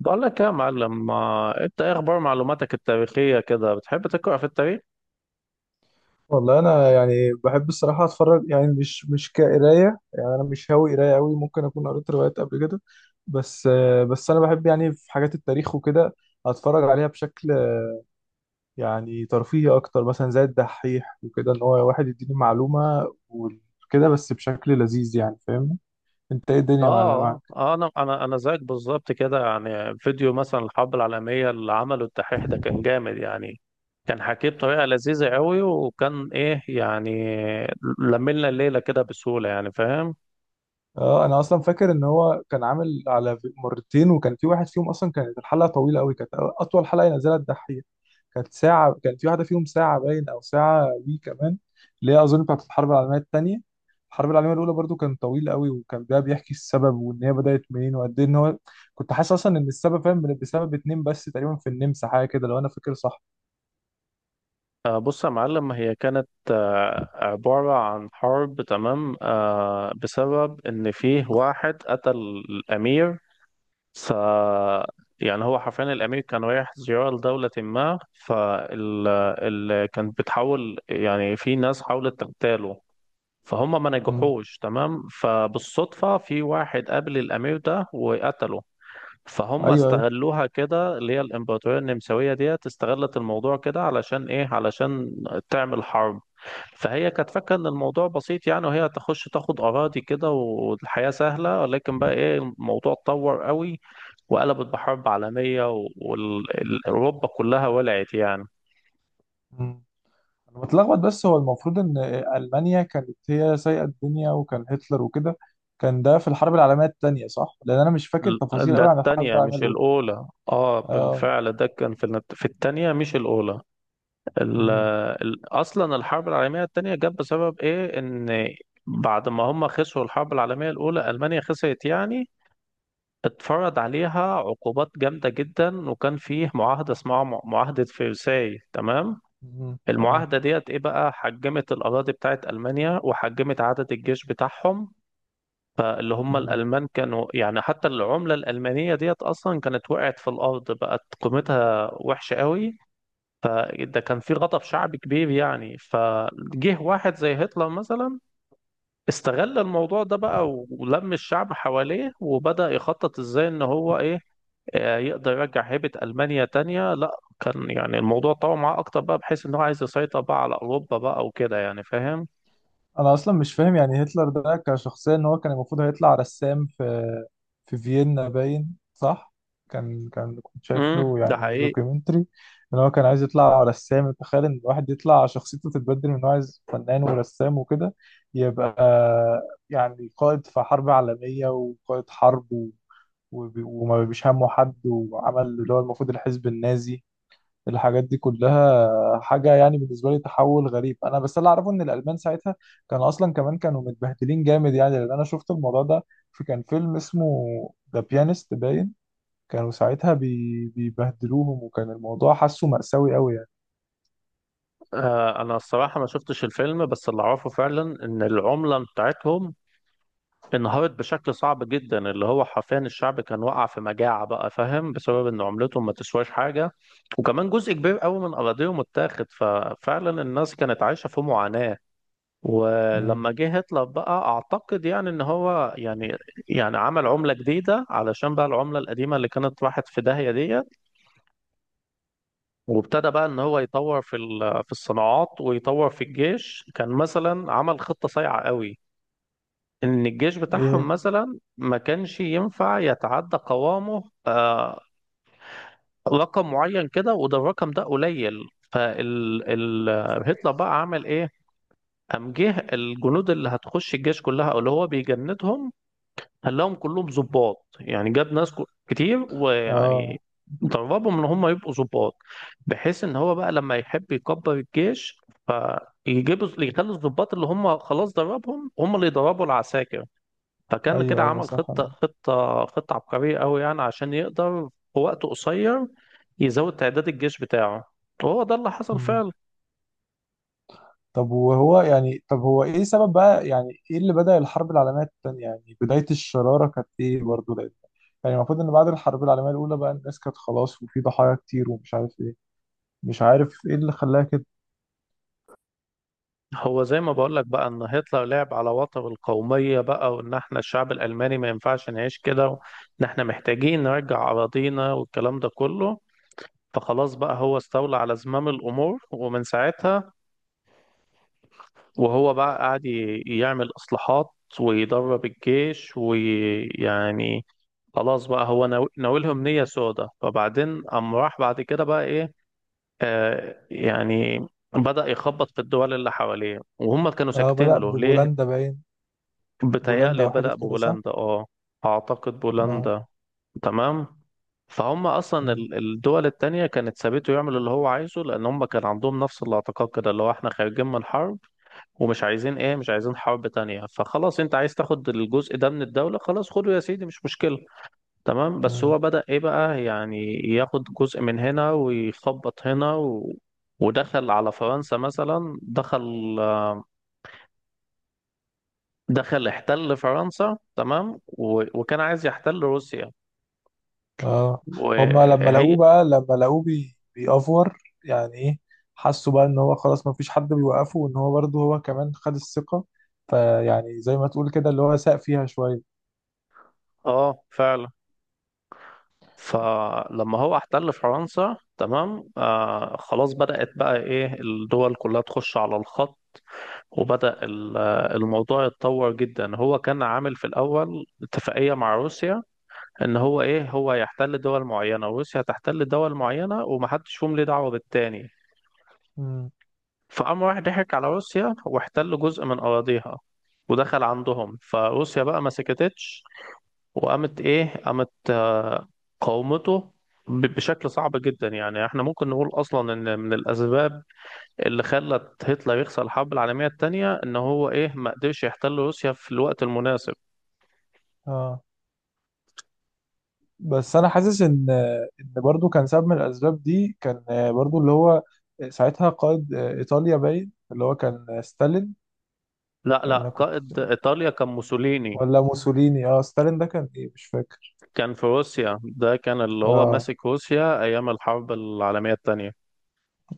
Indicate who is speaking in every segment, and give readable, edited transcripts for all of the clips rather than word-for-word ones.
Speaker 1: بقول لك يا معلم، ما انت ايه اخبار معلوماتك التاريخيه كده؟ بتحب تقرا في التاريخ؟
Speaker 2: والله انا يعني بحب الصراحه اتفرج يعني مش كقرايه. يعني انا مش هاوي قرايه قوي. ممكن اكون قريت روايات قبل كده. بس. بس انا بحب يعني في حاجات التاريخ وكده. اتفرج عليها بشكل يعني ترفيهي اكتر، مثلا زي الدحيح وكده، ان هو واحد يديني معلومه وكده بس بشكل لذيذ يعني. فاهمني؟ انت ايه الدنيا معاك؟
Speaker 1: اه، انا زيك بالظبط كده. يعني فيديو مثلا الحرب العالميه اللي عمله الدحيح ده كان جامد يعني. كان حكيه بطريقه لذيذه قوي وكان ايه يعني، لملنا الليله كده بسهوله، يعني فاهم.
Speaker 2: اه انا اصلا فاكر ان هو كان عامل على مرتين، وكان في واحد فيهم اصلا كانت الحلقه طويله قوي، كانت اطول حلقه ينزلها الدحيح. كانت ساعة، كان في واحدة فيهم ساعة باين أو ساعة وي كمان، اللي هي أظن بتاعت الحرب العالمية التانية. الحرب العالمية الأولى برضو كان طويل قوي، وكان ده بيحكي السبب وإن هي بدأت منين وقد إيه إن هو كنت حاسس أصلا إن السبب فاهم بسبب اتنين بس، تقريبا في النمسا حاجة كده لو أنا فاكر صح.
Speaker 1: بص يا معلم، هي كانت عبارة عن حرب، تمام، بسبب إن فيه واحد قتل الأمير. ف يعني هو حرفيا الأمير كان رايح زيارة لدولة ما. فال كان بتحاول، يعني في ناس حاولت تغتاله، فهم ما
Speaker 2: مم.
Speaker 1: نجحوش، تمام، فبالصدفة في واحد قابل الأمير ده وقتله. فهم
Speaker 2: أيوه أيوه.
Speaker 1: استغلوها كده، اللي هي الإمبراطورية النمساوية ديت استغلت الموضوع كده علشان إيه، علشان تعمل حرب. فهي كانت فاكره ان الموضوع بسيط يعني، وهي تخش تاخد اراضي كده والحياه سهله، ولكن بقى ايه، الموضوع اتطور قوي وقلبت بحرب عالميه، واوروبا كلها ولعت يعني.
Speaker 2: مم. أنا بتلخبط، بس هو المفروض إن ألمانيا كانت هي سايقة الدنيا، وكان هتلر وكده. كان ده في الحرب العالمية التانية صح؟ لأن أنا مش فاكر تفاصيل
Speaker 1: ده
Speaker 2: قوي عن الحرب
Speaker 1: التانية
Speaker 2: العالمية
Speaker 1: مش
Speaker 2: الأولى.
Speaker 1: الأولى، اه
Speaker 2: آه.
Speaker 1: بالفعل ده كان في في التانية مش الأولى. ال-
Speaker 2: مم.
Speaker 1: أصلا الحرب العالمية التانية جت بسبب إيه، إن بعد ما هم خسروا الحرب العالمية الأولى ألمانيا خسرت يعني، اتفرض عليها عقوبات جامدة جدا، وكان فيه معاهدة اسمها معاهدة فرساي، تمام.
Speaker 2: مم. تمام.
Speaker 1: المعاهدة ديت ايه بقى، حجمت الأراضي بتاعت ألمانيا وحجمت عدد الجيش بتاعهم. فاللي هم الألمان كانوا يعني، حتى العملة الألمانية ديت أصلا كانت وقعت في الأرض، بقت قيمتها وحشة قوي. فده كان في غضب شعبي كبير يعني، فجه واحد زي هتلر مثلا استغل الموضوع ده بقى، ولم الشعب حواليه، وبدأ يخطط ازاي ان هو ايه، يقدر يرجع هيبة ألمانيا تانية. لا، كان يعني الموضوع طول معاه أكتر بقى، بحيث إن هو عايز يسيطر بقى على أوروبا بقى وكده، يعني فاهم؟
Speaker 2: انا اصلا مش فاهم يعني هتلر ده كشخصيه ان هو كان المفروض هيطلع رسام في في فيينا باين صح. كان كان كنت شايف له
Speaker 1: ده
Speaker 2: يعني
Speaker 1: حقيقي.
Speaker 2: دوكيومنتري ان هو كان عايز يطلع رسام. تخيل ان الواحد يطلع شخصيته تتبدل من إن هو عايز فنان ورسام وكده، يبقى يعني قائد في حرب عالميه وقائد حرب وما بيش همه حد، وعمل اللي هو المفروض الحزب النازي. الحاجات دي كلها حاجة يعني بالنسبة لي تحول غريب. أنا بس اللي أعرفه إن الألمان ساعتها كانوا أصلا كمان كانوا متبهدلين جامد يعني، لأن أنا شفت الموضوع ده في كان فيلم اسمه ذا بيانست باين. كانوا ساعتها بيبهدلوهم، وكان الموضوع حاسه مأساوي أوي يعني.
Speaker 1: آه، أنا الصراحة ما شفتش الفيلم، بس اللي أعرفه فعلا إن العملة بتاعتهم انهارت بشكل صعب جدا، اللي هو حرفيا الشعب كان وقع في مجاعة بقى، فاهم، بسبب إن عملتهم ما تسواش حاجة. وكمان جزء كبير قوي من أراضيهم اتاخد، ففعلا الناس كانت عايشة في معاناة.
Speaker 2: مم.
Speaker 1: ولما جه هتلر بقى اعتقد يعني ان هو يعني، يعني عمل عملة جديدة علشان بقى العملة القديمة اللي كانت راحت في داهية ديت. وابتدى بقى ان هو يطور في في الصناعات، ويطور في الجيش. كان مثلا عمل خطة صايعة قوي، ان الجيش بتاعهم
Speaker 2: إيه.
Speaker 1: مثلا ما كانش ينفع يتعدى قوامه رقم معين كده، وده الرقم ده قليل. فال ال... هتلر بقى عمل ايه؟ قام جه الجنود اللي هتخش الجيش كلها، او اللي هو بيجندهم، خلاهم كلهم ظباط، يعني جاب ناس كتير، ويعني
Speaker 2: آه.
Speaker 1: دربهم ان هم يبقوا ظباط، بحيث ان هو بقى لما يحب يكبر الجيش فيجيبوا، يخلي الظباط اللي هم خلاص دربهم، هم اللي يدربوا العساكر. فكان كده
Speaker 2: أيوه أيوه
Speaker 1: عمل
Speaker 2: صح.
Speaker 1: خطة
Speaker 2: أنا.
Speaker 1: خطة خطة عبقرية قوي يعني، عشان يقدر في وقت قصير يزود تعداد الجيش بتاعه، وهو ده اللي حصل
Speaker 2: مم.
Speaker 1: فعلا.
Speaker 2: طب وهو يعني طب هو ايه سبب بقى؟ يعني ايه اللي بدأ الحرب العالمية التانية؟ يعني بداية الشرارة كانت ايه برضه؟ لأن يعني المفروض ان بعد الحرب العالمية الأولى بقى الناس كانت خلاص، وفي ضحايا كتير ومش عارف ايه. مش عارف ايه اللي خلاها كده.
Speaker 1: هو زي ما بقول لك بقى ان هتلر لعب على وتر القومية بقى، وان احنا الشعب الالماني ما ينفعش نعيش كده، وان احنا محتاجين نرجع اراضينا والكلام ده كله. فخلاص بقى هو استولى على زمام الامور، ومن ساعتها وهو بقى قاعد يعمل اصلاحات ويدرب الجيش ويعني، خلاص بقى هو ناويلهم نية سودة. فبعدين قام راح بعد كده بقى ايه، يعني بدأ يخبط في الدول اللي حواليه، وهم كانوا
Speaker 2: اه
Speaker 1: ساكتين
Speaker 2: بدأ
Speaker 1: له ليه؟
Speaker 2: ببولندا باين. بولندا
Speaker 1: بتهيألي
Speaker 2: او
Speaker 1: بدأ
Speaker 2: حتت كده صح؟
Speaker 1: ببولندا، اه أعتقد
Speaker 2: اه.
Speaker 1: بولندا، تمام. فهم أصلا
Speaker 2: مم.
Speaker 1: الدول التانية كانت سابته يعمل اللي هو عايزه، لأن هم كان عندهم نفس الاعتقاد كده، اللي هو احنا خارجين من حرب ومش عايزين ايه، مش عايزين حرب تانية. فخلاص انت عايز تاخد الجزء ده من الدولة، خلاص خده يا سيدي، مش مشكلة، تمام. بس
Speaker 2: مم.
Speaker 1: هو بدأ ايه بقى، يعني ياخد جزء من هنا ويخبط هنا ودخل على فرنسا مثلا. دخل احتل فرنسا، تمام، وكان عايز يحتل روسيا
Speaker 2: اه. هما لما
Speaker 1: وهي.
Speaker 2: لقوه بقى لما لقوه بيأفور، يعني ايه؟ حسوا بقى ان هو خلاص ما فيش حد بيوقفه، وان هو برضه هو كمان خد الثقة، فيعني زي ما تقول كده اللي هو ساق فيها شوية.
Speaker 1: اه فعلا. فلما هو احتل فرنسا تمام، خلاص بدأت بقى ايه الدول كلها تخش على الخط. وبدأ الموضوع يتطور جدا. هو كان عامل في الأول اتفاقية مع روسيا، ان هو ايه، هو يحتل دول معينة وروسيا تحتل دول معينة، ومحدش فيهم ليه دعوة بالتاني.
Speaker 2: مم.
Speaker 1: فقام راح ضحك على روسيا، واحتل جزء من أراضيها ودخل عندهم، فروسيا بقى ما سكتتش، وقامت إيه، قامت قاومته بشكل صعب جدا. يعني احنا ممكن نقول اصلا ان من الاسباب اللي خلت هتلر يخسر الحرب العالميه الثانيه ان هو ايه، ما قدرش يحتل روسيا في الوقت المناسب.
Speaker 2: اه. بس انا حاسس ان ان برضو كان سبب من الاسباب دي، كان برضو اللي هو ساعتها قائد ايطاليا باين، اللي هو كان ستالين.
Speaker 1: لا لا،
Speaker 2: انا كنت.
Speaker 1: قائد ايطاليا كان موسوليني.
Speaker 2: ولا موسوليني، اه ستالين ده كان ايه مش فاكر.
Speaker 1: كان في روسيا، ده كان اللي هو
Speaker 2: اه
Speaker 1: ماسك روسيا ايام الحرب العالميه الثانيه.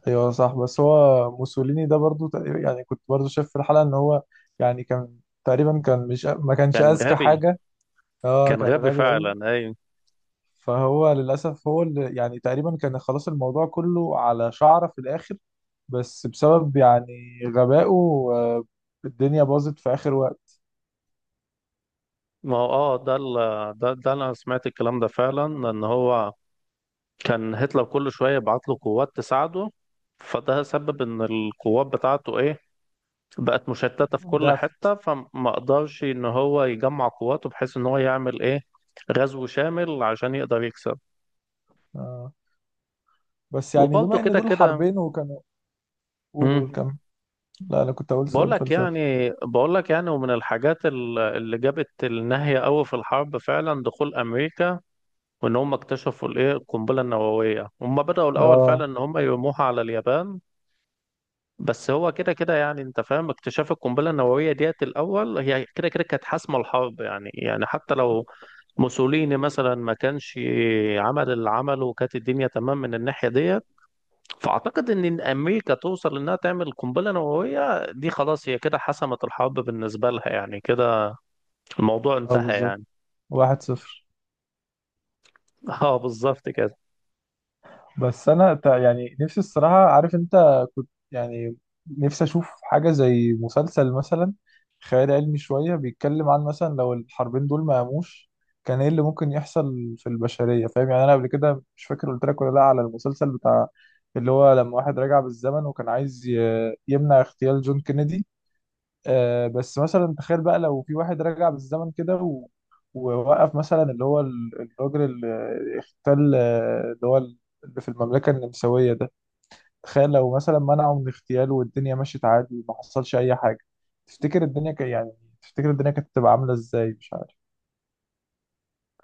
Speaker 2: ايوه صح. بس هو موسوليني ده برضو يعني كنت برضو شايف في الحلقة ان هو يعني كان تقريبا كان مش ما كانش
Speaker 1: كان
Speaker 2: اذكى
Speaker 1: غبي.
Speaker 2: حاجة. اه
Speaker 1: كان
Speaker 2: كان
Speaker 1: غبي
Speaker 2: غبي قوي.
Speaker 1: فعلا، اي.
Speaker 2: فهو للأسف هو اللي يعني تقريبا كان خلاص الموضوع كله على شعرة في الآخر، بس بسبب يعني غبائه الدنيا باظت في آخر وقت.
Speaker 1: ما هو ده ده، انا سمعت الكلام ده فعلا، ان هو كان هتلر كل شويه يبعت له قوات تساعده، فده سبب ان القوات بتاعته ايه، بقت مشتته في كل حته،
Speaker 2: ضعفت.
Speaker 1: فما قدرش ان هو يجمع قواته، بحيث ان هو يعمل ايه غزو شامل عشان يقدر يكسب.
Speaker 2: آه. بس يعني
Speaker 1: وبرضه
Speaker 2: بما إن
Speaker 1: كده
Speaker 2: دول
Speaker 1: كده.
Speaker 2: حربين، وكانوا. قولوا
Speaker 1: مم.
Speaker 2: الكم. لا أنا كنت أقول
Speaker 1: بقول
Speaker 2: سؤال
Speaker 1: لك
Speaker 2: فلسفي.
Speaker 1: يعني بقول لك يعني ومن الحاجات اللي جابت النهية قوي في الحرب فعلا دخول امريكا، وان هم اكتشفوا الايه القنبله النوويه، هم بداوا الاول فعلا
Speaker 2: اه.
Speaker 1: ان هم يرموها على اليابان. بس هو كده كده يعني، انت فاهم، اكتشاف القنبله النوويه ديت الاول هي كده كده كانت حاسمه الحرب يعني حتى لو موسوليني مثلا ما كانش عمل اللي عمله وكانت الدنيا تمام من الناحيه ديت، فاعتقد إن امريكا توصل انها تعمل قنبله نوويه دي، خلاص هي كده حسمت الحرب بالنسبه لها، يعني كده الموضوع
Speaker 2: اه
Speaker 1: انتهى
Speaker 2: بالظبط.
Speaker 1: يعني.
Speaker 2: 1-0.
Speaker 1: اه بالظبط كده.
Speaker 2: بس انا يعني نفسي الصراحه، عارف انت كنت يعني نفسي اشوف حاجه زي مسلسل مثلا خيال علمي شويه بيتكلم عن مثلا لو الحربين دول ما قاموش، كان ايه اللي ممكن يحصل في البشريه؟ فاهم يعني؟ انا قبل كده مش فاكر قلت لك ولا لا على المسلسل بتاع اللي هو لما واحد رجع بالزمن وكان عايز يمنع اغتيال جون كينيدي. آه بس مثلا تخيل بقى لو في واحد رجع بالزمن كده ووقف مثلا اللي هو الراجل اللي اختل اللي هو اللي في المملكة النمساوية ده، تخيل لو مثلا منعه من اغتياله والدنيا مشيت عادي وما حصلش أي حاجة. تفتكر الدنيا يعني تفتكر الدنيا كانت تبقى عاملة ازاي مش عارف؟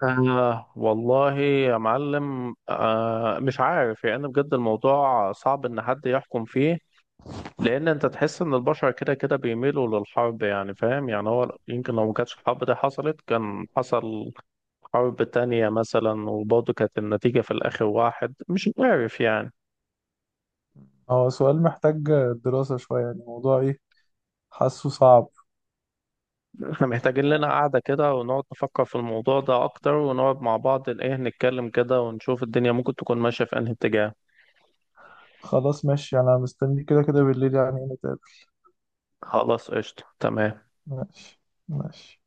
Speaker 1: والله يا معلم، مش عارف يعني، بجد الموضوع صعب إن حد يحكم فيه، لأن أنت تحس إن البشر كده كده بيميلوا للحرب، يعني فاهم، يعني هو يمكن لو ما كانتش الحرب دي حصلت كان حصل حرب تانية مثلا، وبرضه كانت النتيجة في الآخر واحد، مش عارف يعني.
Speaker 2: هو سؤال محتاج دراسة شوية يعني الموضوع ايه. حاسه صعب.
Speaker 1: إحنا محتاجين لنا قعدة كده ونقعد نفكر في الموضوع ده أكتر، ونقعد مع بعض إيه، نتكلم كده ونشوف الدنيا ممكن تكون ماشية في أنهي اتجاه.
Speaker 2: خلاص ماشي أنا مستني كده كده بالليل يعني نتقابل.
Speaker 1: خلاص قشطة تمام.
Speaker 2: ماشي. ماشي.